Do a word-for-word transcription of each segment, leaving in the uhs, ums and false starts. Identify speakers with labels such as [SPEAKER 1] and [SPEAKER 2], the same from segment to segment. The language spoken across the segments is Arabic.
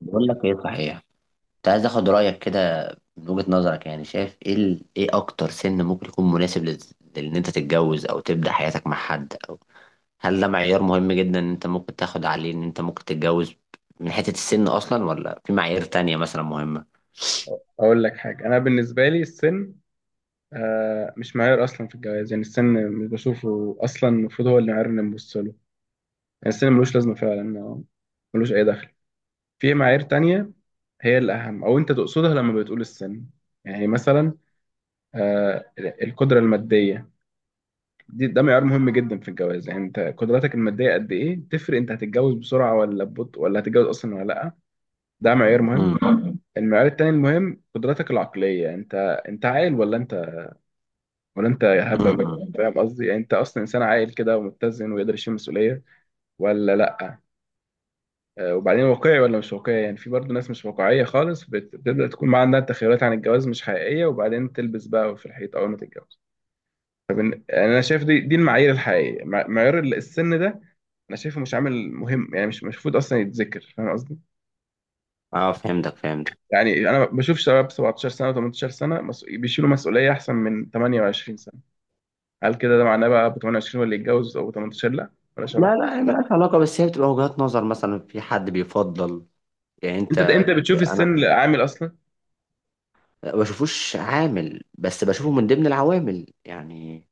[SPEAKER 1] بقول لك ايه صحيح. كنت عايز اخد رايك كده. من وجهة نظرك يعني شايف ايه ال... ايه اكتر سن ممكن يكون مناسب لل... لان انت تتجوز او تبدا حياتك مع حد، او هل ده معيار مهم جدا ان انت ممكن تاخد عليه ان انت ممكن تتجوز من حته السن اصلا، ولا في معايير تانية مثلا مهمه؟
[SPEAKER 2] اقول لك حاجه. انا بالنسبه لي السن آه مش معيار اصلا في الجواز، يعني السن مش بشوفه اصلا، المفروض هو اللي معيار اللي نبص له. يعني السن ملوش لازمه فعلا، آه، ملوش اي دخل. في معايير تانية هي الاهم او انت تقصدها لما بتقول السن؟ يعني مثلا آه القدره الماديه، دي ده معيار مهم جدا في الجواز. يعني انت قدراتك الماديه قد ايه تفرق، انت هتتجوز بسرعه ولا ببطء، ولا هتتجوز اصلا ولا لا. ده معيار مهم.
[SPEAKER 1] امم
[SPEAKER 2] المعيار التاني المهم قدراتك العقليه، انت انت عاقل ولا انت، ولا انت يا
[SPEAKER 1] امم
[SPEAKER 2] هبه
[SPEAKER 1] امم.
[SPEAKER 2] م- فاهم قصدي؟ يعني انت اصلا انسان عاقل كده ومتزن ويقدر يشيل مسؤوليه ولا لا. آه، وبعدين واقعي ولا مش واقعي، يعني في برضه ناس مش واقعيه خالص، بت- بتبدا تكون ما عندها تخيلات عن الجواز مش حقيقيه، وبعدين تلبس بقى في الحيط اول ما تتجوز. فبن... انا شايف دي دي المعايير الحقيقيه. مع- معيار ال- السن ده انا شايفه مش عامل مهم، يعني مش مش المفروض اصلا يتذكر، فاهم قصدي؟
[SPEAKER 1] اه، فهمتك فهمتك
[SPEAKER 2] يعني انا بشوف شباب سبعتاشر سنه و18 سنه مس- بيشيلوا مسؤوليه احسن من ثمانية وعشرون سنه. هل كده ده معناه بقى ب ثمانية وعشرون ولا يتجوز او ثمانية عشر لا؟ ولا شرف.
[SPEAKER 1] لا لا، هي ملهاش علاقه، بس هي بتبقى وجهات نظر. مثلا في حد بيفضل، يعني
[SPEAKER 2] انت
[SPEAKER 1] انت
[SPEAKER 2] انت
[SPEAKER 1] ب...
[SPEAKER 2] بتشوف
[SPEAKER 1] انا
[SPEAKER 2] السن عامل اصلا؟
[SPEAKER 1] ما بشوفوش عامل، بس بشوفه من ضمن العوامل. يعني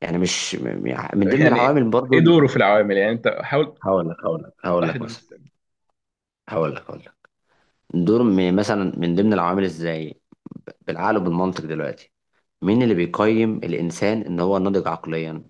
[SPEAKER 1] يعني مش م- م- من ضمن
[SPEAKER 2] يعني
[SPEAKER 1] العوامل برضو
[SPEAKER 2] ايه
[SPEAKER 1] ال-
[SPEAKER 2] دوره في العوامل؟ يعني انت حاول
[SPEAKER 1] هقول لك هقول لك هقول
[SPEAKER 2] توضح لي
[SPEAKER 1] لك
[SPEAKER 2] دور
[SPEAKER 1] مثلا.
[SPEAKER 2] السن.
[SPEAKER 1] هقول لك هقول لك دور م- مثلا من ضمن العوامل ازاي، بالعقل وبالمنطق دلوقتي. مين اللي بيقيم الانسان ان هو ناضج عقليا؟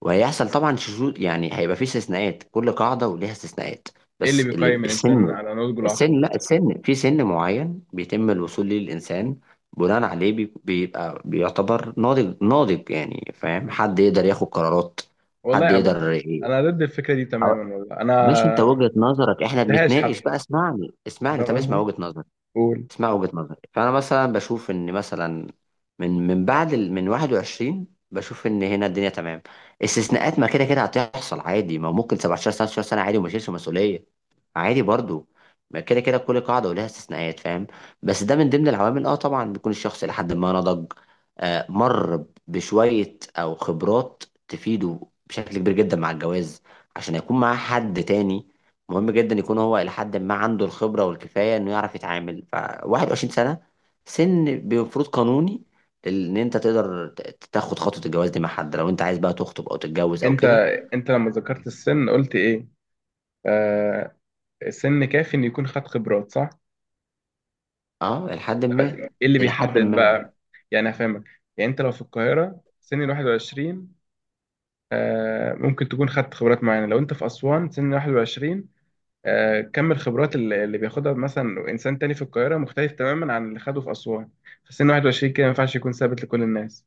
[SPEAKER 1] وهيحصل طبعا شذوذ، يعني هيبقى فيه استثناءات، كل قاعده وليها استثناءات.
[SPEAKER 2] ايه اللي
[SPEAKER 1] بس اللي
[SPEAKER 2] بيقيم الانسان
[SPEAKER 1] السن،
[SPEAKER 2] على نضجه العقلي؟
[SPEAKER 1] السن، لا، السن في سن معين بيتم الوصول ليه الانسان، بناء عليه بي- بيبقى بيعتبر ناضج ناضج، يعني فاهم، حد يقدر ياخد قرارات، حد
[SPEAKER 2] والله
[SPEAKER 1] يقدر.
[SPEAKER 2] ابدا، انا ضد الفكره دي تماما. والله
[SPEAKER 1] مش انت
[SPEAKER 2] انا
[SPEAKER 1] وجهة نظرك،
[SPEAKER 2] ما
[SPEAKER 1] احنا
[SPEAKER 2] شفتهاش
[SPEAKER 1] بنتناقش
[SPEAKER 2] حتى،
[SPEAKER 1] بقى، اسمعني
[SPEAKER 2] انت
[SPEAKER 1] اسمعني
[SPEAKER 2] فاهم
[SPEAKER 1] طب اسمع
[SPEAKER 2] قصدي؟
[SPEAKER 1] وجهة نظري.
[SPEAKER 2] قول.
[SPEAKER 1] اسمع وجهة نظري. فانا مثلا بشوف ان مثلا، من من بعد ال... من واحد وعشرين بشوف ان هنا الدنيا تمام. استثناءات، ما كده كده هتحصل عادي. ما ممكن سبعة عشر تسعتاشر سنة عادي وما يشيلش مسؤولية عادي برضو. ما كده كده كل قاعدة ولها استثناءات، فاهم؟ بس ده من ضمن العوامل، اه طبعا بيكون الشخص الى حد ما نضج، آه، مر بشوية او خبرات تفيده بشكل كبير جدا مع الجواز، عشان يكون معاه حد تاني. مهم جدا يكون هو إلى حد ما عنده الخبرة والكفاية إنه يعرف يتعامل. فواحد وعشرين سنة سن بمفروض قانوني إن أنت تقدر ت- تاخد خطوة الجواز دي مع حد، لو أنت عايز بقى تخطب أو تتجوز أو
[SPEAKER 2] انت
[SPEAKER 1] كده.
[SPEAKER 2] انت لما ذكرت السن قلت ايه؟ آه، السن كافي ان يكون خد خبرات، صح؟
[SPEAKER 1] أه إلى حد ما.
[SPEAKER 2] ايه اللي
[SPEAKER 1] إلى حد
[SPEAKER 2] بيحدد
[SPEAKER 1] ما.
[SPEAKER 2] بقى؟ يعني هفهمك. يعني انت لو في القاهره سن واحد وعشرين، آه ممكن تكون خدت خبرات معينه. لو انت في اسوان سن واحد وعشرين، آه، كم الخبرات اللي اللي بياخدها مثلا انسان تاني في القاهره مختلف تماما عن اللي خده في اسوان في سن واحد وعشرين كده. ما ينفعش يكون ثابت لكل الناس،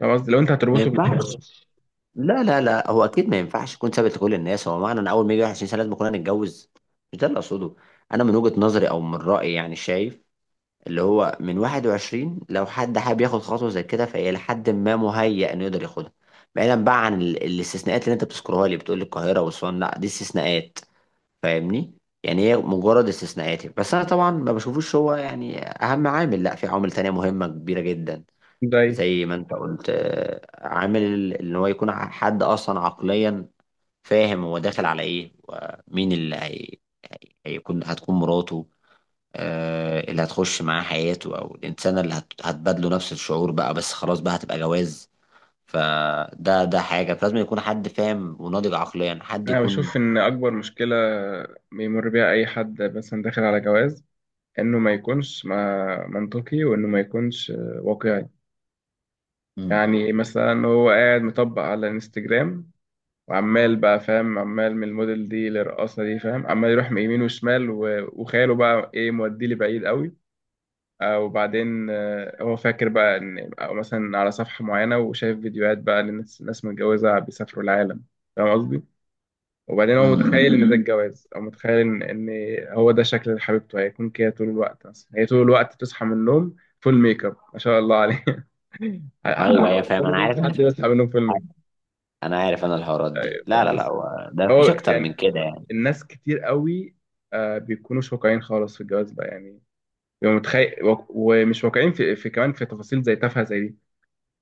[SPEAKER 2] فاهم قصدي؟ لو انت
[SPEAKER 1] ما
[SPEAKER 2] هتربطه بال-
[SPEAKER 1] ينفعش. لا لا لا، هو أكيد ما ينفعش يكون ثابت لكل الناس. هو معنى إن أول ما يجي واحد وعشرين سنة لازم كلنا نتجوز؟ مش ده اللي أقصده. أنا من وجهة نظري أو من رأيي يعني شايف اللي هو من واحد وعشرين، لو حد حابب ياخد خطوة زي كده، فهي لحد ما مهيأ انه يقدر ياخدها. بعيدا بقى عن ال- الاستثناءات اللي انت بتذكرها لي، بتقول لي القاهرة وأسوان. لا، دي استثناءات، فاهمني؟ يعني هي مجرد استثناءات. بس انا طبعا ما بشوفوش هو يعني اهم عامل، لا، في عوامل تانية مهمة كبيرة جدا،
[SPEAKER 2] ده إيه؟
[SPEAKER 1] زي ما انت قلت، آه، عامل ال- ان هو يكون ع- حد اصلا عقليا فاهم هو داخل على ايه، ومين اللي هي... هيكون هتكون مراته، آه، اللي هتخش معاه حياته، او الانسانه اللي هت- هتبادله نفس الشعور. بقى بس خلاص بقى، هتبقى جواز. فده ده حاجه، فلازم يكون حد فاهم وناضج عقليا، حد
[SPEAKER 2] انا
[SPEAKER 1] يكون.
[SPEAKER 2] بشوف ان اكبر مشكله بيمر بيها اي حد مثلا داخل على جواز، انه ما يكونش ما منطقي، وانه ما يكونش آه، واقعي.
[SPEAKER 1] مم.
[SPEAKER 2] يعني مثلا هو قاعد مطبق على الانستجرام، وعمال بقى فاهم، عمال من الموديل دي للرقاصه دي، فاهم، عمال يروح من يمين وشمال، و- وخياله بقى ايه موديه لبعيد قوي. آه، وبعدين آه، هو فاكر بقى ان، او مثلا على صفحة معينة وشايف فيديوهات بقى لناس، ناس متجوزة بيسافروا العالم، فاهم قصدي؟ وبعدين هو
[SPEAKER 1] امم.
[SPEAKER 2] متخيل ان ده الجواز، او متخيل ان ان هو ده شكل حبيبته هيكون كده طول الوقت. مثلا هي طول الوقت بتصحى من النوم فول ميك اب، ما شاء الله عليه.
[SPEAKER 1] ايوه
[SPEAKER 2] أنا
[SPEAKER 1] ايوه، فاهم، انا عارف،
[SPEAKER 2] مفيش حد بيصحى من النوم فول ميك
[SPEAKER 1] انا عارف، انا الحوارات
[SPEAKER 2] اب.
[SPEAKER 1] دي،
[SPEAKER 2] أيوة،
[SPEAKER 1] لا لا لا،
[SPEAKER 2] بس
[SPEAKER 1] هو ده،
[SPEAKER 2] هو
[SPEAKER 1] مفيش اكتر
[SPEAKER 2] يعني
[SPEAKER 1] من كده يعني.
[SPEAKER 2] الناس كتير قوي آه، بيكونوا مش واقعيين خالص في الجواز بقى، يعني بيبقوا متخيل، ومش واقعيين في, في كمان في تفاصيل زي تافهة زي دي.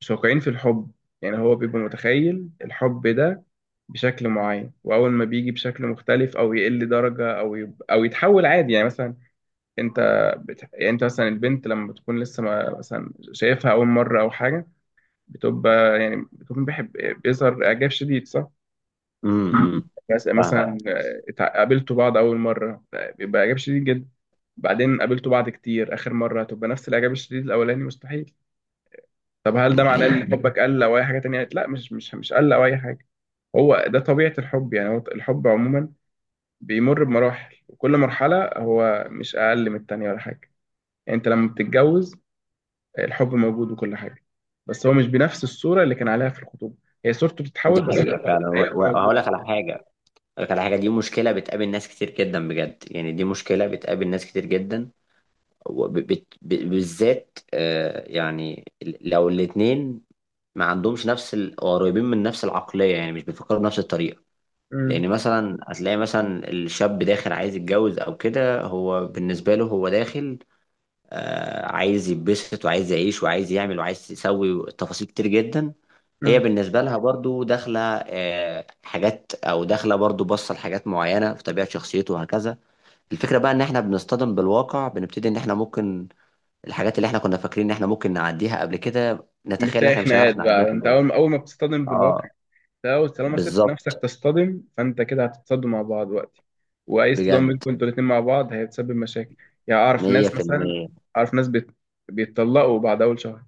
[SPEAKER 2] مش واقعيين في الحب. يعني هو بيبقى متخيل الحب ده بشكل معين، واول ما بيجي بشكل مختلف او يقل درجه، او يب... او يتحول عادي. يعني مثلا انت بت... يعني انت مثلا البنت لما بتكون لسه ما مثلا شايفها اول مره او حاجه، بتبقى يعني بتكون بيحب، بيظهر اعجاب شديد صح؟
[SPEAKER 1] امم. أمم.
[SPEAKER 2] بس-
[SPEAKER 1] فاهمك.
[SPEAKER 2] مثلا آه، اتع- قابلتوا بعض اول مره، بيبقى اعجاب شديد جدا. بعدين قابلتوا بعض كتير، اخر مره هتبقى نفس الاعجاب الشديد الاولاني، مستحيل. طب هل
[SPEAKER 1] دي
[SPEAKER 2] ده معناه
[SPEAKER 1] حقيقه.
[SPEAKER 2] ان حبك قل او اي حاجه تانية؟ لا، مش مش مش قل او اي حاجه. هو ده طبيعه الحب. يعني هو الحب عموما بيمر بمراحل، وكل مرحله هو مش اقل من التانية ولا حاجه. يعني انت لما بتتجوز الحب موجود وكل حاجه، بس هو مش بنفس الصوره اللي كان عليها في الخطوبه. هي صورته بتتحول،
[SPEAKER 1] دي
[SPEAKER 2] بس
[SPEAKER 1] حقيقه فعلا، و-
[SPEAKER 2] هيبقى
[SPEAKER 1] و-
[SPEAKER 2] موجود.
[SPEAKER 1] وهقول لك على حاجه، هقول لك على حاجه. دي مشكله بتقابل ناس كتير جدا، بجد يعني، دي مشكله بتقابل ناس كتير جدا. وبت- ب- بالذات آه، يعني ال- لو الاتنين ما عندهمش نفس ال- قريبين من نفس العقلية، يعني مش بيفكروا بنفس الطريقة.
[SPEAKER 2] مم.
[SPEAKER 1] لأن مثلا هتلاقي مثلا الشاب داخل عايز يتجوز أو كده، هو بالنسبة له هو داخل، آه، عايز يتبسط وعايز يعيش وعايز يعمل وعايز يسوي تفاصيل كتير جدا. هي
[SPEAKER 2] مم.
[SPEAKER 1] بالنسبة لها برضو داخلة، آه، حاجات، أو داخلة برضو بصة لحاجات معينة في طبيعة شخصيته، وهكذا. الفكرة بقى إن إحنا بنصطدم بالواقع، بنبتدي إن إحنا ممكن، الحاجات اللي احنا كنا فاكرين ان احنا ممكن نعديها قبل كده، نتخيل ان
[SPEAKER 2] بتلاقي
[SPEAKER 1] احنا مش
[SPEAKER 2] خناقات
[SPEAKER 1] هنعرف نعديها
[SPEAKER 2] بقى
[SPEAKER 1] في
[SPEAKER 2] انت
[SPEAKER 1] الجواز.
[SPEAKER 2] اول اول ما بتصطدم بالواقع.
[SPEAKER 1] اه.
[SPEAKER 2] لو طالما سبت نفسك
[SPEAKER 1] بالظبط.
[SPEAKER 2] تصطدم، فانت كده هتتصدموا مع بعض وقتي. واي اصطدام
[SPEAKER 1] بجد.
[SPEAKER 2] بينكم انتوا الاتنين مع بعض هيتسبب مشاكل. يعني اعرف ناس مثلا،
[SPEAKER 1] مية في المية.
[SPEAKER 2] اعرف ناس بيت... بيتطلقوا بعد اول شهر.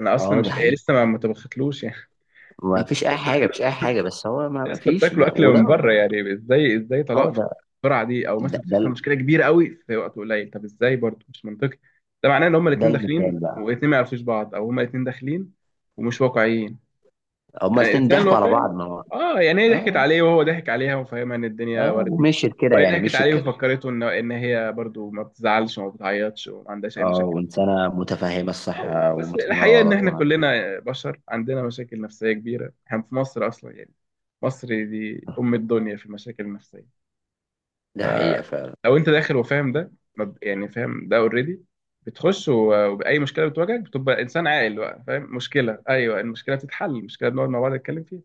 [SPEAKER 2] انا اصلا
[SPEAKER 1] اه دي
[SPEAKER 2] مش إيه،
[SPEAKER 1] حقيقة.
[SPEAKER 2] لسه ما ما تبختلوش يعني.
[SPEAKER 1] ما
[SPEAKER 2] انت لسه
[SPEAKER 1] فيش اي حاجة، مش اي
[SPEAKER 2] بتاكلوا،
[SPEAKER 1] حاجة، بس هو ما ما
[SPEAKER 2] لسه
[SPEAKER 1] فيش
[SPEAKER 2] بتاكلوا
[SPEAKER 1] ما
[SPEAKER 2] اكل من
[SPEAKER 1] وده
[SPEAKER 2] بره،
[SPEAKER 1] ولا.
[SPEAKER 2] يعني ازاي، ازاي
[SPEAKER 1] هو
[SPEAKER 2] طلاق في
[SPEAKER 1] ده.
[SPEAKER 2] السرعه دي؟ او
[SPEAKER 1] ده
[SPEAKER 2] مثلا
[SPEAKER 1] ده,
[SPEAKER 2] بتحصل
[SPEAKER 1] ال-
[SPEAKER 2] مشكله كبيره قوي في وقت قليل، طب ازاي؟ برضه مش منطقي. ده معناه ان هما
[SPEAKER 1] ده
[SPEAKER 2] الاتنين
[SPEAKER 1] المثال
[SPEAKER 2] داخلين
[SPEAKER 1] بقى.
[SPEAKER 2] والاتنين ما يعرفوش بعض، او هما الاتنين داخلين ومش واقعيين.
[SPEAKER 1] هما
[SPEAKER 2] يعني
[SPEAKER 1] الاتنين
[SPEAKER 2] انسان
[SPEAKER 1] ضحكوا على
[SPEAKER 2] واقعي.
[SPEAKER 1] بعض، ما هو.
[SPEAKER 2] اه يعني هي ضحكت
[SPEAKER 1] اه.
[SPEAKER 2] عليه وهو ضحك عليها وفاهمها ان الدنيا
[SPEAKER 1] اه،
[SPEAKER 2] وردي.
[SPEAKER 1] ومشيت كده
[SPEAKER 2] وهي
[SPEAKER 1] يعني،
[SPEAKER 2] ضحكت
[SPEAKER 1] مشيت
[SPEAKER 2] عليه
[SPEAKER 1] كده.
[SPEAKER 2] وفكرته ان ان هي برضو ما بتزعلش وما بتعيطش وما عندهاش اي
[SPEAKER 1] اه،
[SPEAKER 2] مشاكل.
[SPEAKER 1] وانسانة متفهمة الصح
[SPEAKER 2] آه، بس
[SPEAKER 1] ومتفهمة
[SPEAKER 2] الحقيقه ان
[SPEAKER 1] الغلط،
[SPEAKER 2] احنا
[SPEAKER 1] ما-
[SPEAKER 2] كلنا بشر عندنا مشاكل نفسيه كبيره. احنا في مصر اصلا يعني، مصر دي ام الدنيا في المشاكل النفسيه.
[SPEAKER 1] ده حقيقة فعلا.
[SPEAKER 2] فلو انت داخل وفاهم ده ما- يعني فاهم ده اوريدي، بتخش و- وباي مشكله بتواجهك بتبقى انسان عاقل بقى فاهم مشكله، ايوه المشكله بتتحل، المشكله بنقعد مع بعض نتكلم فيها.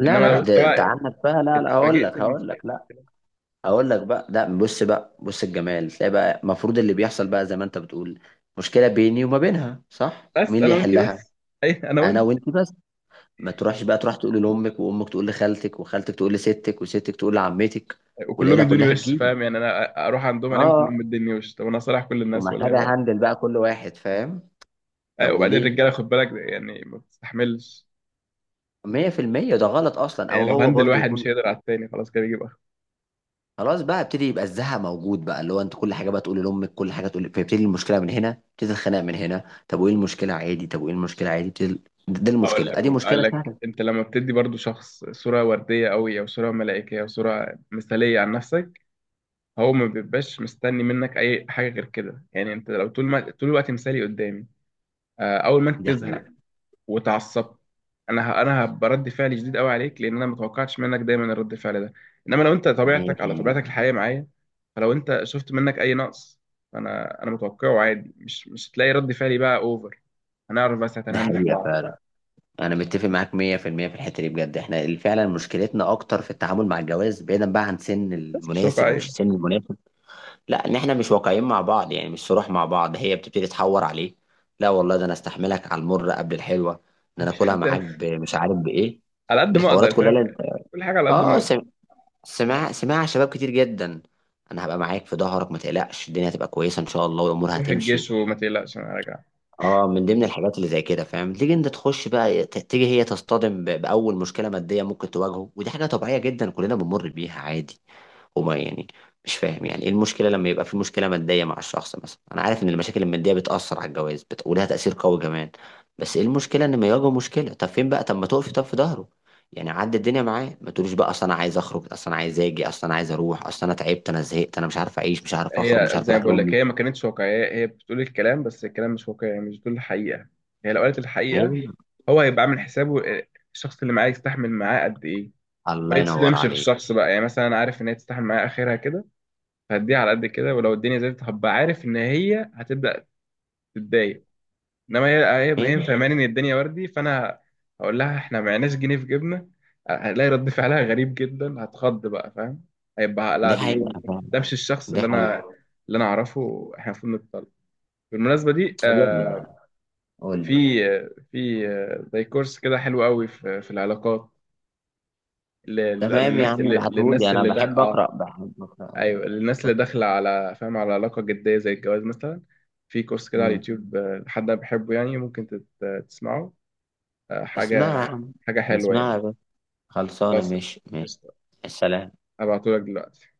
[SPEAKER 1] لا
[SPEAKER 2] انما لو
[SPEAKER 1] لا،
[SPEAKER 2] لا، انت
[SPEAKER 1] ده انت
[SPEAKER 2] بقى
[SPEAKER 1] عندك بقى، لا لا، هقول
[SPEAKER 2] اتفاجئت
[SPEAKER 1] لك هقول
[SPEAKER 2] بالفيلم.
[SPEAKER 1] لك لا، هقول لك بقى. لا بص بقى، بص الجمال. تلاقي بقى المفروض اللي بيحصل بقى زي ما انت بتقول، مشكله بيني وما بينها، صح؟ مين
[SPEAKER 2] بس
[SPEAKER 1] اللي
[SPEAKER 2] انا وانتي
[SPEAKER 1] يحلها؟
[SPEAKER 2] بس، اي انا
[SPEAKER 1] انا
[SPEAKER 2] وانت.
[SPEAKER 1] وانت بس. ما تروحش بقى تروح تقول لامك، وامك تقول لخالتك، وخالتك تقول لستك، وستك تقول لعمتك،
[SPEAKER 2] وكلهم
[SPEAKER 1] والعيله
[SPEAKER 2] يدوني
[SPEAKER 1] كلها
[SPEAKER 2] وش،
[SPEAKER 1] تجيب.
[SPEAKER 2] فاهم يعني، انا اروح عندهم الاقيهم كلهم
[SPEAKER 1] اه.
[SPEAKER 2] مديني وش. طب انا صالح كل الناس ولا ايه بقى؟
[SPEAKER 1] ومحتاجه هندل بقى كل واحد، فاهم؟
[SPEAKER 2] أي،
[SPEAKER 1] طب
[SPEAKER 2] وبعدين
[SPEAKER 1] وليه؟
[SPEAKER 2] الرجاله خد بالك يعني ما بتستحملش.
[SPEAKER 1] مية في المية ده غلط اصلا. او
[SPEAKER 2] يعني لو
[SPEAKER 1] هو
[SPEAKER 2] هندل
[SPEAKER 1] برضو
[SPEAKER 2] واحد مش
[SPEAKER 1] يكون،
[SPEAKER 2] هيقدر على التاني، خلاص كده بيجيب اخر.
[SPEAKER 1] خلاص بقى ابتدي، يبقى الزهق موجود بقى، اللي هو انت كل حاجه بقى تقول لامك، كل حاجه تقول، فيبتدي المشكله من هنا، ابتدي الخناق من هنا. طب وايه المشكله عادي؟ طب وايه المشكله عادي؟ ابتدي. دي
[SPEAKER 2] اقول
[SPEAKER 1] المشكله،
[SPEAKER 2] لك
[SPEAKER 1] ادي
[SPEAKER 2] اقول
[SPEAKER 1] مشكله
[SPEAKER 2] لك
[SPEAKER 1] سهله.
[SPEAKER 2] انت لما بتدي برضو شخص صوره ورديه قوي او صوره ملائكيه او صوره مثاليه عن نفسك، هو ما بيبقاش مستني منك اي حاجه غير كده. يعني انت لو طول ما، طول الوقت مثالي قدامي، آه، اول ما انت
[SPEAKER 1] دي حقيقه.
[SPEAKER 2] تزهق واتعصبت، انا ه... انا ه- برد فعل شديد قوي عليك، لان انا ما توقعتش منك دايما الرد فعل ده. انما لو انت طبيعتك على
[SPEAKER 1] مية في المية.
[SPEAKER 2] طبيعتك الحقيقيه معايا، فلو انت شفت منك اي نقص، انا انا متوقعه عادي، مش مش هتلاقي رد فعلي بقى اوفر. هنعرف بس
[SPEAKER 1] دي
[SPEAKER 2] هتنهندل
[SPEAKER 1] حقيقه
[SPEAKER 2] بعض.
[SPEAKER 1] فعلا، انا متفق معاك مية في المية في الحته دي بجد. احنا اللي فعلا مشكلتنا اكتر في التعامل مع الجواز، بعيدا بقى عن سن
[SPEAKER 2] بس مش
[SPEAKER 1] المناسب ومش
[SPEAKER 2] واقعيه.
[SPEAKER 1] السن المناسب. لا، ان احنا مش واقعيين مع بعض، يعني مش صروح مع بعض، هي بتبتدي تحور عليه. لا والله، ده انا استحملك على المر قبل الحلوه، ان انا
[SPEAKER 2] مفيش
[SPEAKER 1] اكلها
[SPEAKER 2] حد.
[SPEAKER 1] معاك ب- مش عارف بايه،
[SPEAKER 2] على قد ما اقدر،
[SPEAKER 1] بالحوارات كلها
[SPEAKER 2] فاهم
[SPEAKER 1] اللي انت.
[SPEAKER 2] يعني، كل حاجه على قد ما
[SPEAKER 1] اه
[SPEAKER 2] اقدر.
[SPEAKER 1] سم- سمع، سمع، شباب كتير جدا، انا هبقى معاك في ظهرك، ما تقلقش، الدنيا هتبقى كويسه ان شاء الله، والامور
[SPEAKER 2] روح
[SPEAKER 1] هتمشي.
[SPEAKER 2] الجيش وما تقلقش انا راجع.
[SPEAKER 1] اه، من ضمن الحاجات اللي زي كده، فاهم، تيجي انت تخش بقى ت- تيجي هي تصطدم ب- باول مشكله ماديه ممكن تواجهه. ودي حاجه طبيعيه جدا، كلنا بنمر بيها عادي. وما يعني، مش فاهم يعني ايه المشكله لما يبقى في مشكله ماديه مع الشخص. مثلا انا عارف ان المشاكل الماديه بتاثر على الجواز، بت... ولها تاثير قوي كمان. بس ايه المشكله ان ما يواجه مشكله؟ طب فين بقى؟ طب ما تقفي طب في ظهره، يعني عدي الدنيا معاه، ما تقوليش بقى اصل انا عايز اخرج، اصل انا عايز اجي، اصل انا عايز اروح، اصل انا تعبت، انا زهقت، انا مش عارف اعيش، مش عارف اخرج، مش
[SPEAKER 2] هي
[SPEAKER 1] عارف
[SPEAKER 2] زي ما
[SPEAKER 1] اروح
[SPEAKER 2] بقول لك،
[SPEAKER 1] لامي.
[SPEAKER 2] هي ما كانتش واقعية، هي بتقول الكلام بس الكلام مش واقعي، يعني مش بتقول الحقيقة. هي لو قالت
[SPEAKER 1] ما هي
[SPEAKER 2] الحقيقة
[SPEAKER 1] دي-
[SPEAKER 2] هو هيبقى عامل حسابه، آه، الشخص اللي معاه يستحمل معاه قد ايه، ما
[SPEAKER 1] الله ينور
[SPEAKER 2] يتصدمش في
[SPEAKER 1] عليك.
[SPEAKER 2] الشخص بقى. يعني مثلا انا عارف ان هي تستحمل معايا اخرها كده، فهديها على قد كده. ولو الدنيا زادت هبقى عارف ان هي هتبدأ تتضايق. انما هي هي
[SPEAKER 1] ما هي
[SPEAKER 2] هي
[SPEAKER 1] دي.
[SPEAKER 2] فاهماني ان الدنيا وردي، فانا هقول لها احنا معناش جنيه في جيبنا، هلاقي رد فعلها غريب جدا، هتخض بقى، فاهم؟ هيبقى لا
[SPEAKER 1] دي
[SPEAKER 2] دي
[SPEAKER 1] حقيقه فعلا.
[SPEAKER 2] ده مش الشخص
[SPEAKER 1] دي
[SPEAKER 2] اللي انا،
[SPEAKER 1] حقيقه.
[SPEAKER 2] اللي انا اعرفه، احنا المفروض نتطلق. بالمناسبه دي، آه
[SPEAKER 1] يلا قول لي.
[SPEAKER 2] في آه، في آه، زي كورس كده حلو قوي في, في العلاقات، لل-
[SPEAKER 1] تمام يا
[SPEAKER 2] للناس
[SPEAKER 1] عم،
[SPEAKER 2] اللي
[SPEAKER 1] ابعتهولي،
[SPEAKER 2] للناس
[SPEAKER 1] انا
[SPEAKER 2] اللي ده
[SPEAKER 1] بحب اقرا،
[SPEAKER 2] اه،
[SPEAKER 1] بحب اقرا أوي.
[SPEAKER 2] ايوه، للناس اللي
[SPEAKER 1] قول.
[SPEAKER 2] داخله على فاهم على علاقه جديه زي الجواز مثلا. في كورس كده على
[SPEAKER 1] مم.
[SPEAKER 2] اليوتيوب، آه، حد أنا بحبه، يعني ممكن تت- تسمعه. آه،
[SPEAKER 1] اسمعها
[SPEAKER 2] حاجة
[SPEAKER 1] يا عم.
[SPEAKER 2] حاجة حلوة
[SPEAKER 1] اسمعها يا
[SPEAKER 2] يعني.
[SPEAKER 1] باشا. خلصانة،
[SPEAKER 2] خلاص،
[SPEAKER 1] ماشي ماشي.
[SPEAKER 2] قشطة.
[SPEAKER 1] السلام.
[SPEAKER 2] هبعتهولك دلوقتي.